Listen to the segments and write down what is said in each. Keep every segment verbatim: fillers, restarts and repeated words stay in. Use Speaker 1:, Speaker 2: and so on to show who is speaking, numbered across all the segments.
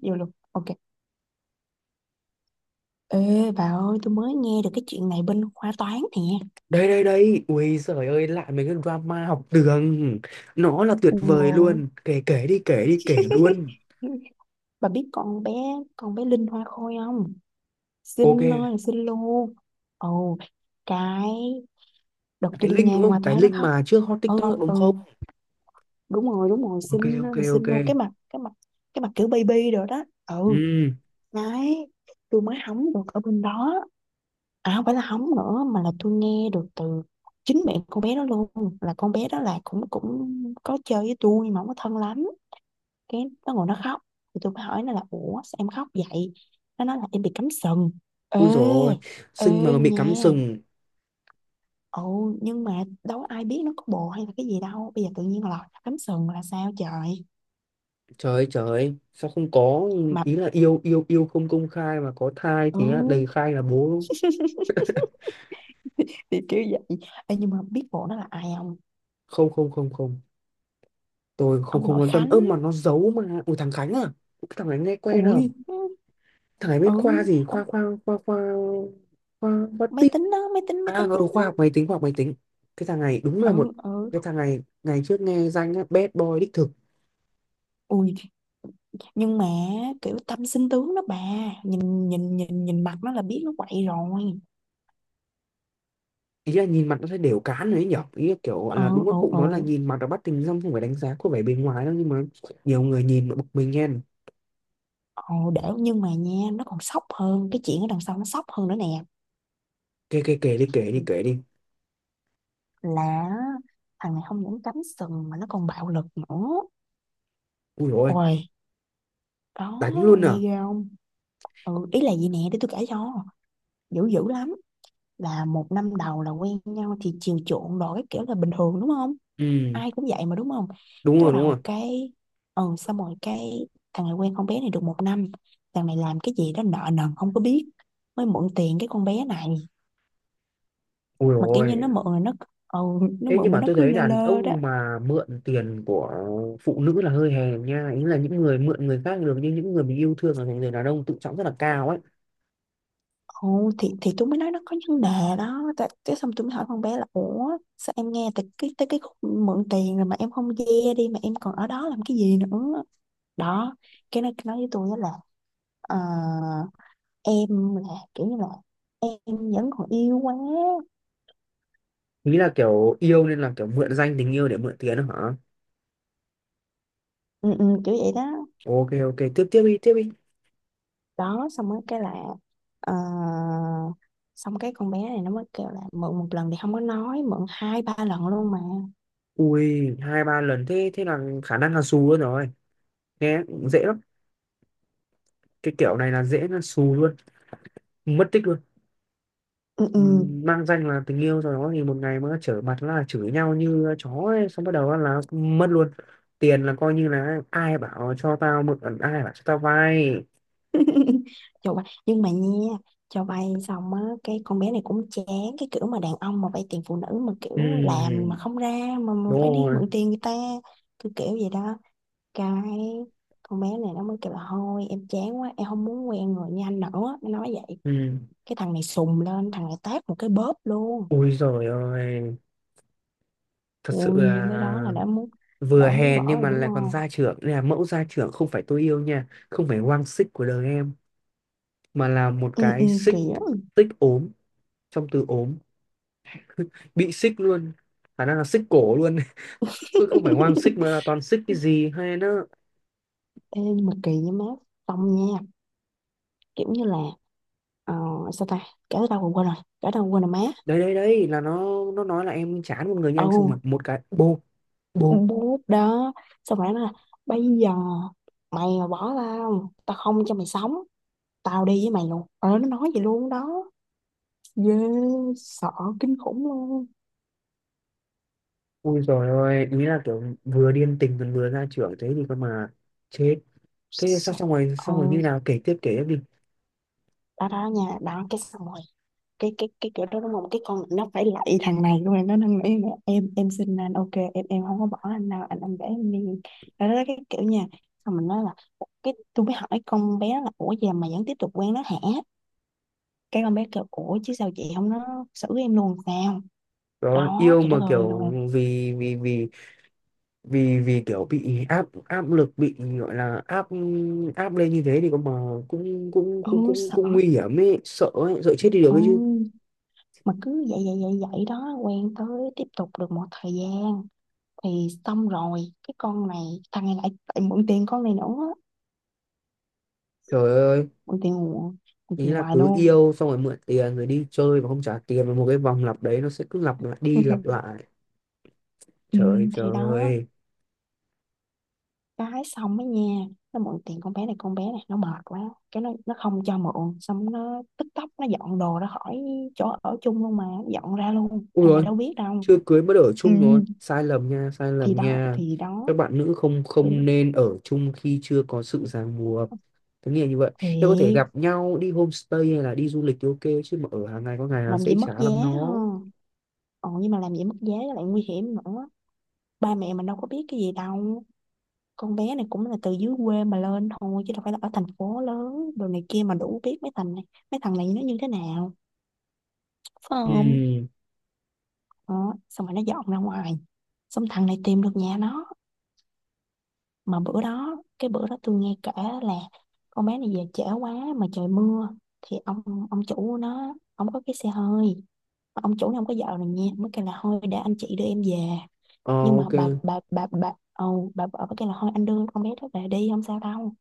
Speaker 1: Vô luôn. Ok. Ê bà ơi, tôi mới nghe được cái chuyện này bên khoa toán nè.
Speaker 2: Đây đây đây, ui giời ơi, lại mấy cái drama học đường. Nó là tuyệt
Speaker 1: Ủa,
Speaker 2: vời luôn, kể kể đi, kể đi, kể luôn.
Speaker 1: Bà biết con bé con bé Linh Hoa Khôi không?
Speaker 2: Ok.
Speaker 1: Xinh ơi là xinh luôn. Ồ, cái đợt tôi
Speaker 2: Cái
Speaker 1: đi
Speaker 2: link đúng
Speaker 1: ngang
Speaker 2: không,
Speaker 1: qua tôi
Speaker 2: cái
Speaker 1: thấy nó
Speaker 2: link
Speaker 1: khóc.
Speaker 2: mà trước hot TikTok
Speaker 1: Ừ
Speaker 2: đúng
Speaker 1: ừ,
Speaker 2: không?
Speaker 1: đúng rồi, đúng rồi,
Speaker 2: Ok
Speaker 1: xinh
Speaker 2: ok
Speaker 1: ơi là
Speaker 2: ok.
Speaker 1: xinh luôn, cái mặt, cái mặt cái mặt kiểu baby rồi đó. Ừ.
Speaker 2: Ừ.
Speaker 1: Đấy, tôi mới hóng được ở bên đó, à không phải là hóng nữa mà là tôi nghe được từ chính mẹ con bé đó luôn. Là con bé đó là cũng cũng có chơi với tôi nhưng mà không có thân lắm. Cái nó ngồi nó khóc thì tôi mới hỏi nó là ủa sao em khóc vậy. Nó nói là em bị cắm sừng. ê
Speaker 2: Ui rồi,
Speaker 1: ê
Speaker 2: xinh mà bị cắm
Speaker 1: nha,
Speaker 2: sừng.
Speaker 1: ồ nhưng mà đâu có ai biết nó có bồ hay là cái gì đâu, bây giờ tự nhiên lọt ra cắm sừng là sao trời.
Speaker 2: Trời ơi, trời ơi. Sao không có,
Speaker 1: Mà
Speaker 2: ý là yêu yêu yêu không công khai mà có thai
Speaker 1: ừ,
Speaker 2: thì á, đầy khai là bố.
Speaker 1: thì, thì kiểu vậy. Ê, nhưng mà biết bộ nó là ai không?
Speaker 2: Không không không không, tôi không
Speaker 1: Ông nội
Speaker 2: không quan tâm.
Speaker 1: Khánh.
Speaker 2: Ơ mà nó giấu mà, ui thằng Khánh à? Cái thằng Khánh nghe quen à.
Speaker 1: Ui,
Speaker 2: Thằng này
Speaker 1: ừ,
Speaker 2: bên khoa gì,
Speaker 1: ông
Speaker 2: khoa khoa khoa khoa, khoa khoa
Speaker 1: máy
Speaker 2: tin.
Speaker 1: tính đó, máy tính máy
Speaker 2: À
Speaker 1: tính
Speaker 2: ừ,
Speaker 1: máy
Speaker 2: khoa
Speaker 1: tính
Speaker 2: học máy tính, khoa học máy tính. Cái thằng này đúng là một,
Speaker 1: Ừ ừ.
Speaker 2: cái thằng này ngày trước nghe danh á, bad boy đích thực.
Speaker 1: Ui, nhưng mà kiểu tâm sinh tướng đó bà, nhìn nhìn nhìn nhìn mặt nó là biết nó quậy rồi.
Speaker 2: Ý là nhìn mặt nó thấy đều cán đấy nhở, ý là kiểu gọi
Speaker 1: Ừ
Speaker 2: là đúng các
Speaker 1: ừ
Speaker 2: cụ
Speaker 1: ừ
Speaker 2: nói là nhìn mặt là bắt tình dong, không phải đánh giá có vẻ bề ngoài đâu nhưng mà nhiều người nhìn mà bực mình nghe.
Speaker 1: ừ, để nhưng mà nha, nó còn sốc hơn, cái chuyện ở đằng sau nó sốc hơn nữa nè.
Speaker 2: Kể kể kể đi, kể đi, kể đi.
Speaker 1: Là thằng này không những cắm sừng mà nó còn bạo lực nữa.
Speaker 2: Ui rồi,
Speaker 1: Ôi đó.
Speaker 2: đánh luôn à?
Speaker 1: Nghe ghê không? Ừ, ý là gì nè, để tôi kể cho. Dữ dữ lắm. Là một năm đầu là quen nhau thì chiều chuộng đồ, cái kiểu là bình thường đúng không,
Speaker 2: Ừ
Speaker 1: ai cũng vậy mà đúng không.
Speaker 2: đúng
Speaker 1: Cái bắt
Speaker 2: rồi đúng rồi.
Speaker 1: đầu cái, ừ xong rồi cái, thằng này quen con bé này được một năm, thằng này làm cái gì đó nợ nần không có biết, mới mượn tiền cái con bé này.
Speaker 2: Ui
Speaker 1: Mà kiểu như
Speaker 2: rồi.
Speaker 1: nó mượn là nó, ừ, nó
Speaker 2: Thế nhưng
Speaker 1: mượn mà
Speaker 2: mà
Speaker 1: nó
Speaker 2: tôi
Speaker 1: cứ
Speaker 2: thấy
Speaker 1: lơ
Speaker 2: đàn
Speaker 1: lơ đó.
Speaker 2: ông mà mượn tiền của phụ nữ là hơi hèn nha. Ý là những người mượn người khác được, nhưng những người mình yêu thương là thành người đàn ông tự trọng rất là cao ấy.
Speaker 1: Ừ, thì thì tôi mới nói nó có vấn đề đó. Tại cái xong tôi mới hỏi con bé là ủa, sao em nghe tới cái tới cái khúc mượn tiền rồi mà em không ve đi mà em còn ở đó làm cái gì nữa. Đó, cái nó nói với tôi á là, ờ, em là kiểu như là em vẫn còn yêu quá.
Speaker 2: Ý là kiểu yêu nên là kiểu mượn danh tình yêu để mượn tiền đó hả?
Speaker 1: Ừ, ừ, kiểu vậy đó.
Speaker 2: Ok ok, tiếp tiếp đi, tiếp đi.
Speaker 1: Đó xong rồi cái là, ờ, xong cái con bé này nó mới kêu là mượn một lần thì không có nói, mượn hai ba lần luôn mà.
Speaker 2: Ui, hai ba lần thế thế là khả năng là xù luôn rồi. Nghe dễ lắm. Cái kiểu này là dễ là xù luôn, mất tích luôn.
Speaker 1: Ừ, ừ.
Speaker 2: Ừm, mmang danh là tình yêu rồi đó thì một ngày mà trở mặt là chửi nhau như chó ấy, xong bắt đầu á là mất luôn tiền, là coi như là ai bảo cho tao mượn, ai bảo cho tao vay.
Speaker 1: Trời bay, nhưng mà nha, cho vay xong á, cái con bé này cũng chán cái kiểu mà đàn ông mà vay tiền phụ nữ mà kiểu làm
Speaker 2: Ừm,
Speaker 1: mà không ra, mà, mà
Speaker 2: đúng
Speaker 1: phải đi
Speaker 2: rồi.
Speaker 1: mượn tiền người ta, cứ kiểu vậy đó. Cái con bé này nó mới kêu là thôi em chán quá, em không muốn quen người như anh nữa, nó nói vậy.
Speaker 2: Ừm.
Speaker 1: Cái thằng này sùng lên, thằng này tát một cái, bóp luôn.
Speaker 2: Ui rồi ơi, thật sự
Speaker 1: Ui, tới đó là
Speaker 2: là
Speaker 1: đã muốn,
Speaker 2: vừa
Speaker 1: đã muốn
Speaker 2: hèn
Speaker 1: bỏ
Speaker 2: nhưng
Speaker 1: rồi
Speaker 2: mà
Speaker 1: đúng
Speaker 2: lại còn
Speaker 1: không.
Speaker 2: gia trưởng. Đây là mẫu gia trưởng, không phải tôi yêu nha, không phải quang xích của đời em, mà là một
Speaker 1: Ừ ừ,
Speaker 2: cái xích,
Speaker 1: kỳ lắm.
Speaker 2: tích ốm, trong từ ốm, bị xích luôn, khả năng là xích cổ luôn, cứ không phải hoang xích mà là toàn xích cái gì hay nó.
Speaker 1: Ê, nhưng mà kỳ với má, xong nha, kiểu như là, ờ, sao ta, kể tới đâu mà quên rồi, kể đâu mà quên rồi má.
Speaker 2: Đấy đấy đấy, là nó nó nói là em chán một người
Speaker 1: Ồ,
Speaker 2: nhanh, xong mặc một cái bô, bô.
Speaker 1: bút đó, xong rồi nó nói là bây giờ mày mà bỏ tao tao không cho mày sống, tao đi với mày luôn, ờ nó nói vậy luôn đó. Ghê. Sợ. Kinh khủng luôn.
Speaker 2: Ui rồi ôi, ý là kiểu vừa điên tình còn vừa ra trưởng thế thì cơ mà chết. Thế xong
Speaker 1: Sợ-
Speaker 2: xong rồi,
Speaker 1: ờ,
Speaker 2: xong rồi như nào, kể tiếp kể tiếp đi.
Speaker 1: đó đó nha, đó cái xong rồi cái, cái cái kiểu đó đúng không, cái con nó phải lạy thằng này luôn rồi, nó năn nghĩ nè, em em xin anh, ok, em em không có bỏ anh đâu, anh anh để em đi. Đó, đó cái kiểu nha. Xong mình nói là "Ủa", cái tôi mới hỏi con bé là ủa giờ mà vẫn tiếp tục quen nó hả. Cái con bé kêu ủa chứ sao chị, không nó xử em luôn sao.
Speaker 2: Đó
Speaker 1: Đó,
Speaker 2: yêu
Speaker 1: trời đất
Speaker 2: mà
Speaker 1: ơi
Speaker 2: kiểu,
Speaker 1: luôn.
Speaker 2: vì vì vì vì vì kiểu bị áp áp lực, bị gọi là áp áp lên như thế thì cơ mà cũng cũng cũng
Speaker 1: Ừ
Speaker 2: cũng
Speaker 1: sợ.
Speaker 2: cũng nguy hiểm ấy, sợ ấy, sợ chết đi được ấy chứ.
Speaker 1: Ừ, mà cứ vậy vậy vậy vậy đó, quen tới, tiếp tục được một thời gian. Thì xong rồi cái con này, thằng này lại lại mượn tiền con này nữa,
Speaker 2: Trời ơi.
Speaker 1: mượn tiền mượn, mượn
Speaker 2: Ý
Speaker 1: tiền
Speaker 2: là
Speaker 1: hoài
Speaker 2: cứ
Speaker 1: luôn.
Speaker 2: yêu xong rồi mượn tiền rồi đi chơi và không trả tiền, và một cái vòng lặp đấy nó sẽ cứ lặp lại đi lặp lại.
Speaker 1: Ừ,
Speaker 2: Trời ơi, trời
Speaker 1: thì đó,
Speaker 2: ơi.
Speaker 1: cái xong ấy nha, nó mượn tiền con bé này, con bé này nó mệt quá, cái nó nó không cho mượn, xong nó tức tốc nó dọn đồ ra khỏi chỗ ở chung luôn. Mà dọn ra luôn,
Speaker 2: Ui
Speaker 1: thằng này
Speaker 2: rồi,
Speaker 1: đâu biết đâu.
Speaker 2: chưa cưới mới ở
Speaker 1: Ừ,
Speaker 2: chung rồi, sai lầm nha, sai
Speaker 1: thì
Speaker 2: lầm
Speaker 1: đó
Speaker 2: nha.
Speaker 1: thì
Speaker 2: Các
Speaker 1: đó,
Speaker 2: bạn nữ không không
Speaker 1: tôi-
Speaker 2: nên ở chung khi chưa có sự ràng buộc. Thế nghĩa như vậy. Nếu có thể
Speaker 1: thiệt,
Speaker 2: gặp nhau đi homestay hay là đi du lịch thì ok, chứ mà ở hàng ngày có ngày là
Speaker 1: làm
Speaker 2: sẽ
Speaker 1: gì mất
Speaker 2: chả
Speaker 1: giá
Speaker 2: lắm nó.
Speaker 1: ha. Ờ nhưng mà làm gì mất giá lại nguy hiểm nữa, ba mẹ mình đâu có biết cái gì đâu. Con bé này cũng là từ dưới quê mà lên thôi chứ đâu phải là ở thành phố lớn đồ này kia mà đủ biết mấy thằng này, mấy thằng này nó như thế nào, phải
Speaker 2: Ừ.
Speaker 1: không. Đó. Xong rồi nó dọn ra ngoài, xong thằng này tìm được nhà nó. Mà bữa đó, cái bữa đó tôi nghe kể, là con bé này về trễ quá mà trời mưa, thì ông ông chủ nó, ông có cái xe hơi. Mà ông chủ này không có vợ rồi nha, mới kêu là thôi để anh chị đưa em về.
Speaker 2: Ờ,
Speaker 1: Nhưng mà
Speaker 2: ok.
Speaker 1: bà bà bà bà ồ bà vợ mới kêu là thôi anh đưa con bé đó về đi không sao đâu.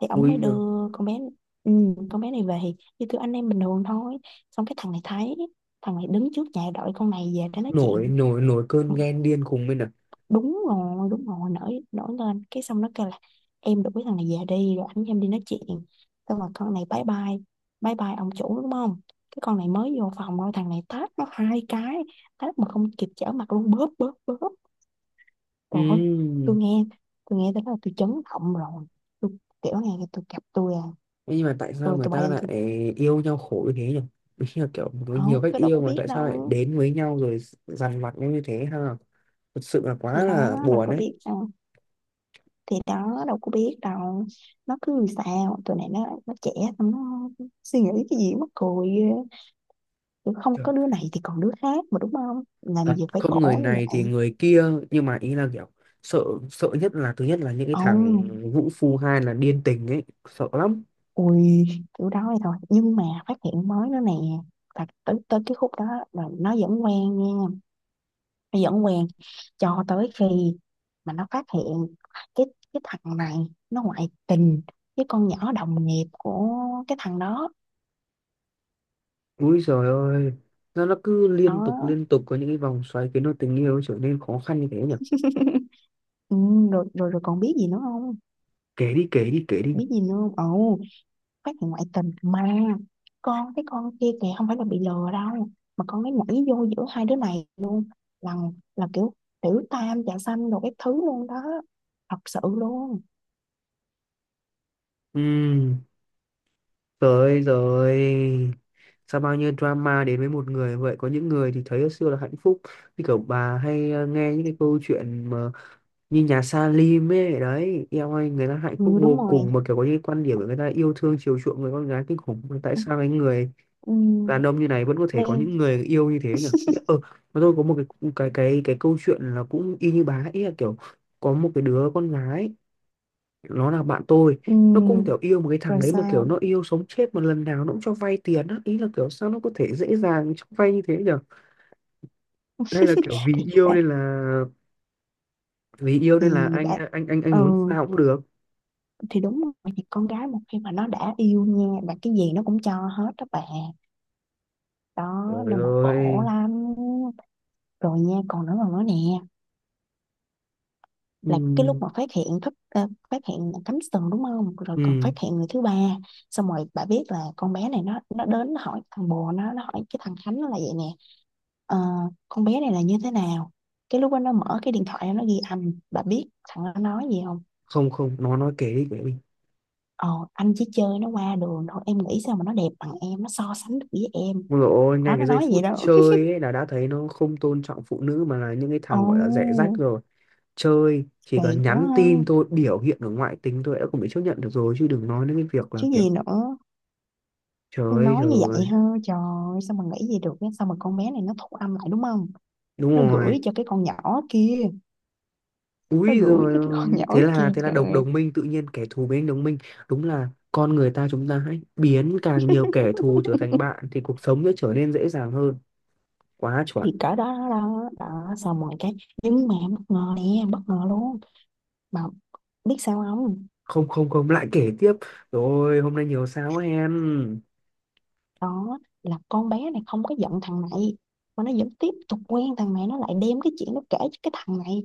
Speaker 1: Thì ổng
Speaker 2: Ui
Speaker 1: mới
Speaker 2: giời.
Speaker 1: đưa con bé, ừ, con bé này về, như kiểu anh em bình thường thôi. Xong cái thằng này thấy, thằng này đứng trước nhà đợi con này về để nói
Speaker 2: Nổi
Speaker 1: chuyện.
Speaker 2: nổi nổi cơn ghen điên khùng lên à?
Speaker 1: Đúng rồi đúng rồi, nổi nổi lên, cái xong nó kêu là em đuổi thằng này về đi rồi anh với em đi nói chuyện. Xong rồi con này bye bye, bye bye ông chủ đúng không. Cái con này mới vô phòng thôi, thằng này tát nó hai cái, tát mà không kịp trở mặt luôn, bóp bóp bóp. Rồi.
Speaker 2: Ừ.
Speaker 1: Tôi nghe, tôi nghe tới đó là tôi chấn động rồi. Tôi kiểu này tôi gặp tôi à,
Speaker 2: Nhưng mà tại sao
Speaker 1: tôi
Speaker 2: người
Speaker 1: tôi bay
Speaker 2: ta
Speaker 1: lên.
Speaker 2: lại yêu nhau khổ như thế nhỉ? Đúng là kiểu có
Speaker 1: Ờ,
Speaker 2: nhiều cách
Speaker 1: tôi đâu
Speaker 2: yêu
Speaker 1: có
Speaker 2: mà
Speaker 1: biết
Speaker 2: tại sao lại
Speaker 1: đâu.
Speaker 2: đến với nhau rồi dằn vặt nhau như thế ha. Thật sự là
Speaker 1: Thì
Speaker 2: quá là
Speaker 1: đó, đâu
Speaker 2: buồn
Speaker 1: có
Speaker 2: đấy.
Speaker 1: biết đâu. Thì đó, đâu có biết đâu. Nó cứ sao tụi này nó nó trẻ, xong nó suy nghĩ cái gì mắc cười ghê. Kiểu không
Speaker 2: Kiểu,
Speaker 1: có đứa này thì còn đứa khác mà đúng không, làm
Speaker 2: thật
Speaker 1: gì phải
Speaker 2: không người
Speaker 1: khổ như
Speaker 2: này thì
Speaker 1: vậy.
Speaker 2: người kia, nhưng mà ý là kiểu sợ, sợ nhất là thứ nhất là những cái thằng
Speaker 1: Ông.
Speaker 2: vũ phu, hai là điên tình ấy, sợ lắm.
Speaker 1: Ui, kiểu đó vậy thôi, nhưng mà phát hiện mới nữa nè. Thật tới, tới cái khúc đó là nó vẫn quen nha, dẫn quen, cho tới khi mà nó phát hiện cái cái thằng này nó ngoại tình với con nhỏ đồng nghiệp của cái thằng đó.
Speaker 2: Úi giời ơi, nó nó cứ
Speaker 1: Đó,
Speaker 2: liên tục liên tục có những cái vòng xoáy khiến cho tình yêu trở nên khó khăn như thế nhỉ.
Speaker 1: ừ, rồi, rồi rồi, còn biết gì nữa không,
Speaker 2: Kể đi kể đi kể đi.
Speaker 1: biết gì nữa không. Ồ, phát hiện ngoại tình mà con, cái con kia kìa không phải là bị lừa đâu, mà con ấy nhảy vô giữa hai đứa này luôn. Là là kiểu tiểu tam trà xanh đồ các thứ luôn đó. Thật sự luôn.
Speaker 2: Ừm. Tới rồi. Sao bao nhiêu drama đến với một người vậy? Có những người thì thấy hồi xưa là hạnh phúc, như kiểu bà hay ờ, nghe những cái câu chuyện mà, như nhà Salim ấy. Đấy em ơi, người ta hạnh phúc
Speaker 1: Ừ đúng
Speaker 2: vô
Speaker 1: rồi.
Speaker 2: cùng. Mà kiểu có những cái quan điểm của người ta yêu thương chiều chuộng người con gái kinh khủng. Mà tại sao cái người
Speaker 1: Ừ,
Speaker 2: đàn ông như này vẫn có thể có những
Speaker 1: Lan,
Speaker 2: người yêu như thế nhỉ? Ý là- ờ, mà tôi có một cái cái cái cái câu chuyện là cũng y như bà ấy, ý là kiểu có một cái đứa con gái, nó là bạn tôi. Nó cũng
Speaker 1: ừ,
Speaker 2: kiểu yêu một cái thằng
Speaker 1: rồi
Speaker 2: đấy, mà kiểu
Speaker 1: sao.
Speaker 2: nó yêu sống chết, mà lần nào nó cũng cho vay tiền á. Ý là kiểu sao nó có thể dễ dàng cho vay như thế nhở? Hay là kiểu vì
Speaker 1: Thì
Speaker 2: yêu
Speaker 1: đã,
Speaker 2: nên là, vì yêu nên là
Speaker 1: thì
Speaker 2: anh
Speaker 1: đã,
Speaker 2: anh anh anh
Speaker 1: ừ,
Speaker 2: muốn sao cũng được.
Speaker 1: thì đúng rồi, thì con gái một khi mà nó đã yêu nha là cái gì nó cũng cho hết đó bà. Đó
Speaker 2: Trời
Speaker 1: nên mà khổ
Speaker 2: ơi.
Speaker 1: lắm. Rồi nha, còn nữa còn nữa nè, là cái lúc
Speaker 2: Ừ,
Speaker 1: mà phát hiện thất, ờ, phát hiện cắm sừng đúng không, rồi còn
Speaker 2: ừ.
Speaker 1: phát hiện người thứ ba. Xong rồi bà biết là con bé này nó nó đến nó hỏi thằng bồ nó nó hỏi cái thằng Khánh, nó là vậy nè. Ờ, con bé này là như thế nào. Cái lúc đó nó mở cái điện thoại ra, nó ghi âm, bà biết thằng nó nói gì không.
Speaker 2: Không không, nó nói kể đi kể đi.
Speaker 1: Ờ, anh chỉ chơi nó qua đường thôi, em nghĩ sao mà nó đẹp bằng em, nó so sánh được với em.
Speaker 2: Ôi dồi ôi, ngay
Speaker 1: Đó
Speaker 2: cái
Speaker 1: nó
Speaker 2: giây
Speaker 1: nói vậy
Speaker 2: phút
Speaker 1: đó.
Speaker 2: chơi ấy là đã thấy nó không tôn trọng phụ nữ, mà là những cái thằng gọi là rẻ rách
Speaker 1: Ồ,
Speaker 2: rồi. Chơi chỉ
Speaker 1: kỳ
Speaker 2: cần
Speaker 1: quá
Speaker 2: nhắn
Speaker 1: ha,
Speaker 2: tin thôi, biểu hiện ở ngoại tính thôi đã không bị chấp nhận được rồi, chứ đừng nói đến cái việc là
Speaker 1: chứ
Speaker 2: kiểu.
Speaker 1: gì nữa,
Speaker 2: Trời ơi
Speaker 1: nói như vậy
Speaker 2: trời.
Speaker 1: ha, trời ơi, sao mà nghĩ gì được á? Sao mà con bé này nó thu âm lại đúng không,
Speaker 2: Đúng
Speaker 1: nó
Speaker 2: rồi.
Speaker 1: gửi cho cái con nhỏ kia, nó
Speaker 2: Úi
Speaker 1: gửi
Speaker 2: rồi
Speaker 1: cho cái con
Speaker 2: ôi.
Speaker 1: nhỏ
Speaker 2: Thế là
Speaker 1: kia.
Speaker 2: thế là đồng
Speaker 1: Trời.
Speaker 2: đồng minh, tự nhiên kẻ thù biến đồng minh. Đúng là con người ta, chúng ta hãy biến càng nhiều kẻ thù trở thành bạn thì cuộc sống sẽ trở nên dễ dàng hơn. Quá chuẩn.
Speaker 1: Thì cỡ đó, đó đó, đó xong rồi cái, nhưng mà em bất ngờ nè, em bất ngờ luôn, mà biết sao không.
Speaker 2: Không không không, lại kể tiếp. Rồi hôm nay nhiều sao quá hen.
Speaker 1: Đó là con bé này không có giận thằng này, mà nó vẫn tiếp tục quen thằng này, nó lại đem cái chuyện nó kể cho cái thằng này.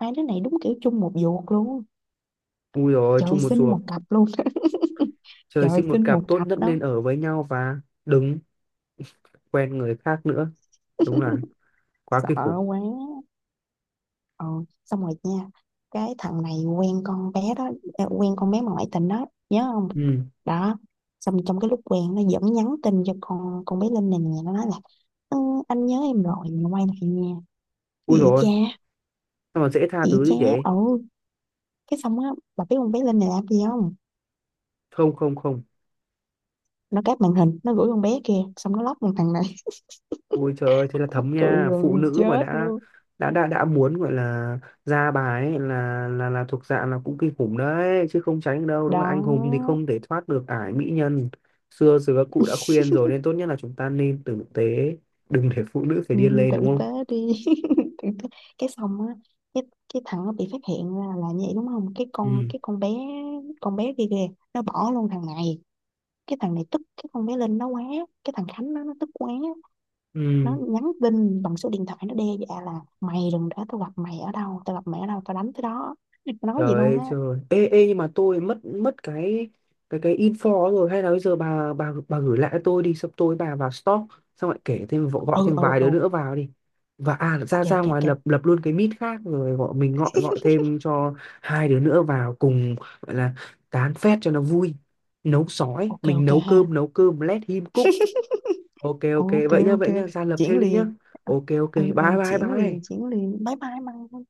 Speaker 1: Hai đứa này đúng kiểu chung một ruột luôn,
Speaker 2: Ui rồi,
Speaker 1: trời
Speaker 2: chung một
Speaker 1: sinh
Speaker 2: ruột.
Speaker 1: một cặp luôn.
Speaker 2: Trời
Speaker 1: Trời
Speaker 2: sinh một
Speaker 1: sinh
Speaker 2: cặp
Speaker 1: một
Speaker 2: tốt
Speaker 1: cặp
Speaker 2: nhất nên
Speaker 1: đó.
Speaker 2: ở với nhau và đừng quen người khác nữa. Đúng là quá
Speaker 1: Sợ
Speaker 2: kinh khủng.
Speaker 1: quá. Ờ, xong rồi nha, cái thằng này quen con bé đó à, quen con bé mà ngoại tình đó nhớ không.
Speaker 2: Ừ.
Speaker 1: Đó, xong trong cái lúc quen nó vẫn nhắn tin cho con con bé Linh này nè, nó nói là, ừ, anh nhớ em rồi mình quay lại nha.
Speaker 2: Ui
Speaker 1: Chị
Speaker 2: rồi,
Speaker 1: cha,
Speaker 2: sao mà dễ tha
Speaker 1: chị
Speaker 2: thứ
Speaker 1: cha.
Speaker 2: như vậy?
Speaker 1: Ừ, cái xong á, bà biết con bé Linh này làm gì không.
Speaker 2: Không không không.
Speaker 1: Nó cáp màn hình nó gửi con bé kia, xong nó lóc con thằng này.
Speaker 2: Ôi trời ơi, thế là
Speaker 1: Mắc
Speaker 2: thấm
Speaker 1: cười
Speaker 2: nha, phụ
Speaker 1: gần
Speaker 2: nữ mà
Speaker 1: chết
Speaker 2: đã
Speaker 1: luôn.
Speaker 2: đã đã đã muốn gọi là ra bài ấy, là là là thuộc dạng là cũng kinh khủng đấy, chứ không tránh được đâu, đúng không? Anh hùng thì
Speaker 1: Đó.
Speaker 2: không thể thoát được ải mỹ nhân. Xưa giờ các cụ đã khuyên rồi, nên tốt nhất là chúng ta nên tử tế, đừng để phụ nữ phải
Speaker 1: Ừ,
Speaker 2: điên lên
Speaker 1: tử
Speaker 2: đúng
Speaker 1: tế
Speaker 2: không?
Speaker 1: đi. Tử tế. Cái xong á, cái cái thằng nó bị phát hiện ra là như vậy đúng không, cái con,
Speaker 2: Ừ.
Speaker 1: cái con bé, con bé kia kìa nó bỏ luôn thằng này. Cái thằng này tức cái con bé Linh nó quá, cái thằng Khánh nó nó tức quá, nó
Speaker 2: Ừ.
Speaker 1: nhắn tin bằng số điện thoại nó đe dọa là mày đừng để tao gặp mày, ở đâu tao gặp mày ở đâu tao đánh tới đó. Nó nói gì
Speaker 2: Trời
Speaker 1: luôn
Speaker 2: ơi
Speaker 1: á.
Speaker 2: trời. Ê, ê nhưng mà tôi mất mất cái cái cái info rồi, hay là bây giờ bà bà bà gửi lại cho tôi đi, xong tôi bà vào stock xong lại kể thêm vợ- gọi
Speaker 1: Ừ
Speaker 2: thêm
Speaker 1: ừ
Speaker 2: vài
Speaker 1: ừ.
Speaker 2: đứa nữa vào đi. Và à ra
Speaker 1: Ok
Speaker 2: ra
Speaker 1: ok
Speaker 2: ngoài
Speaker 1: ok.
Speaker 2: lập lập luôn cái meet khác, rồi gọi mình gọi gọi thêm cho hai đứa nữa vào cùng, gọi là tán phét cho nó vui. Nấu sói,
Speaker 1: Ok
Speaker 2: mình
Speaker 1: ok
Speaker 2: nấu
Speaker 1: ha.
Speaker 2: cơm nấu cơm let him cook. Ok ok
Speaker 1: Ok
Speaker 2: vậy nhá,
Speaker 1: ok,
Speaker 2: vậy nhá, ra lập
Speaker 1: chuyển
Speaker 2: thêm đi nhá.
Speaker 1: liền. Ờ,
Speaker 2: Ok ok
Speaker 1: ừ,
Speaker 2: bye
Speaker 1: ừ,
Speaker 2: bye
Speaker 1: chuyển liền,
Speaker 2: bye.
Speaker 1: chuyển liền, bye bye măng.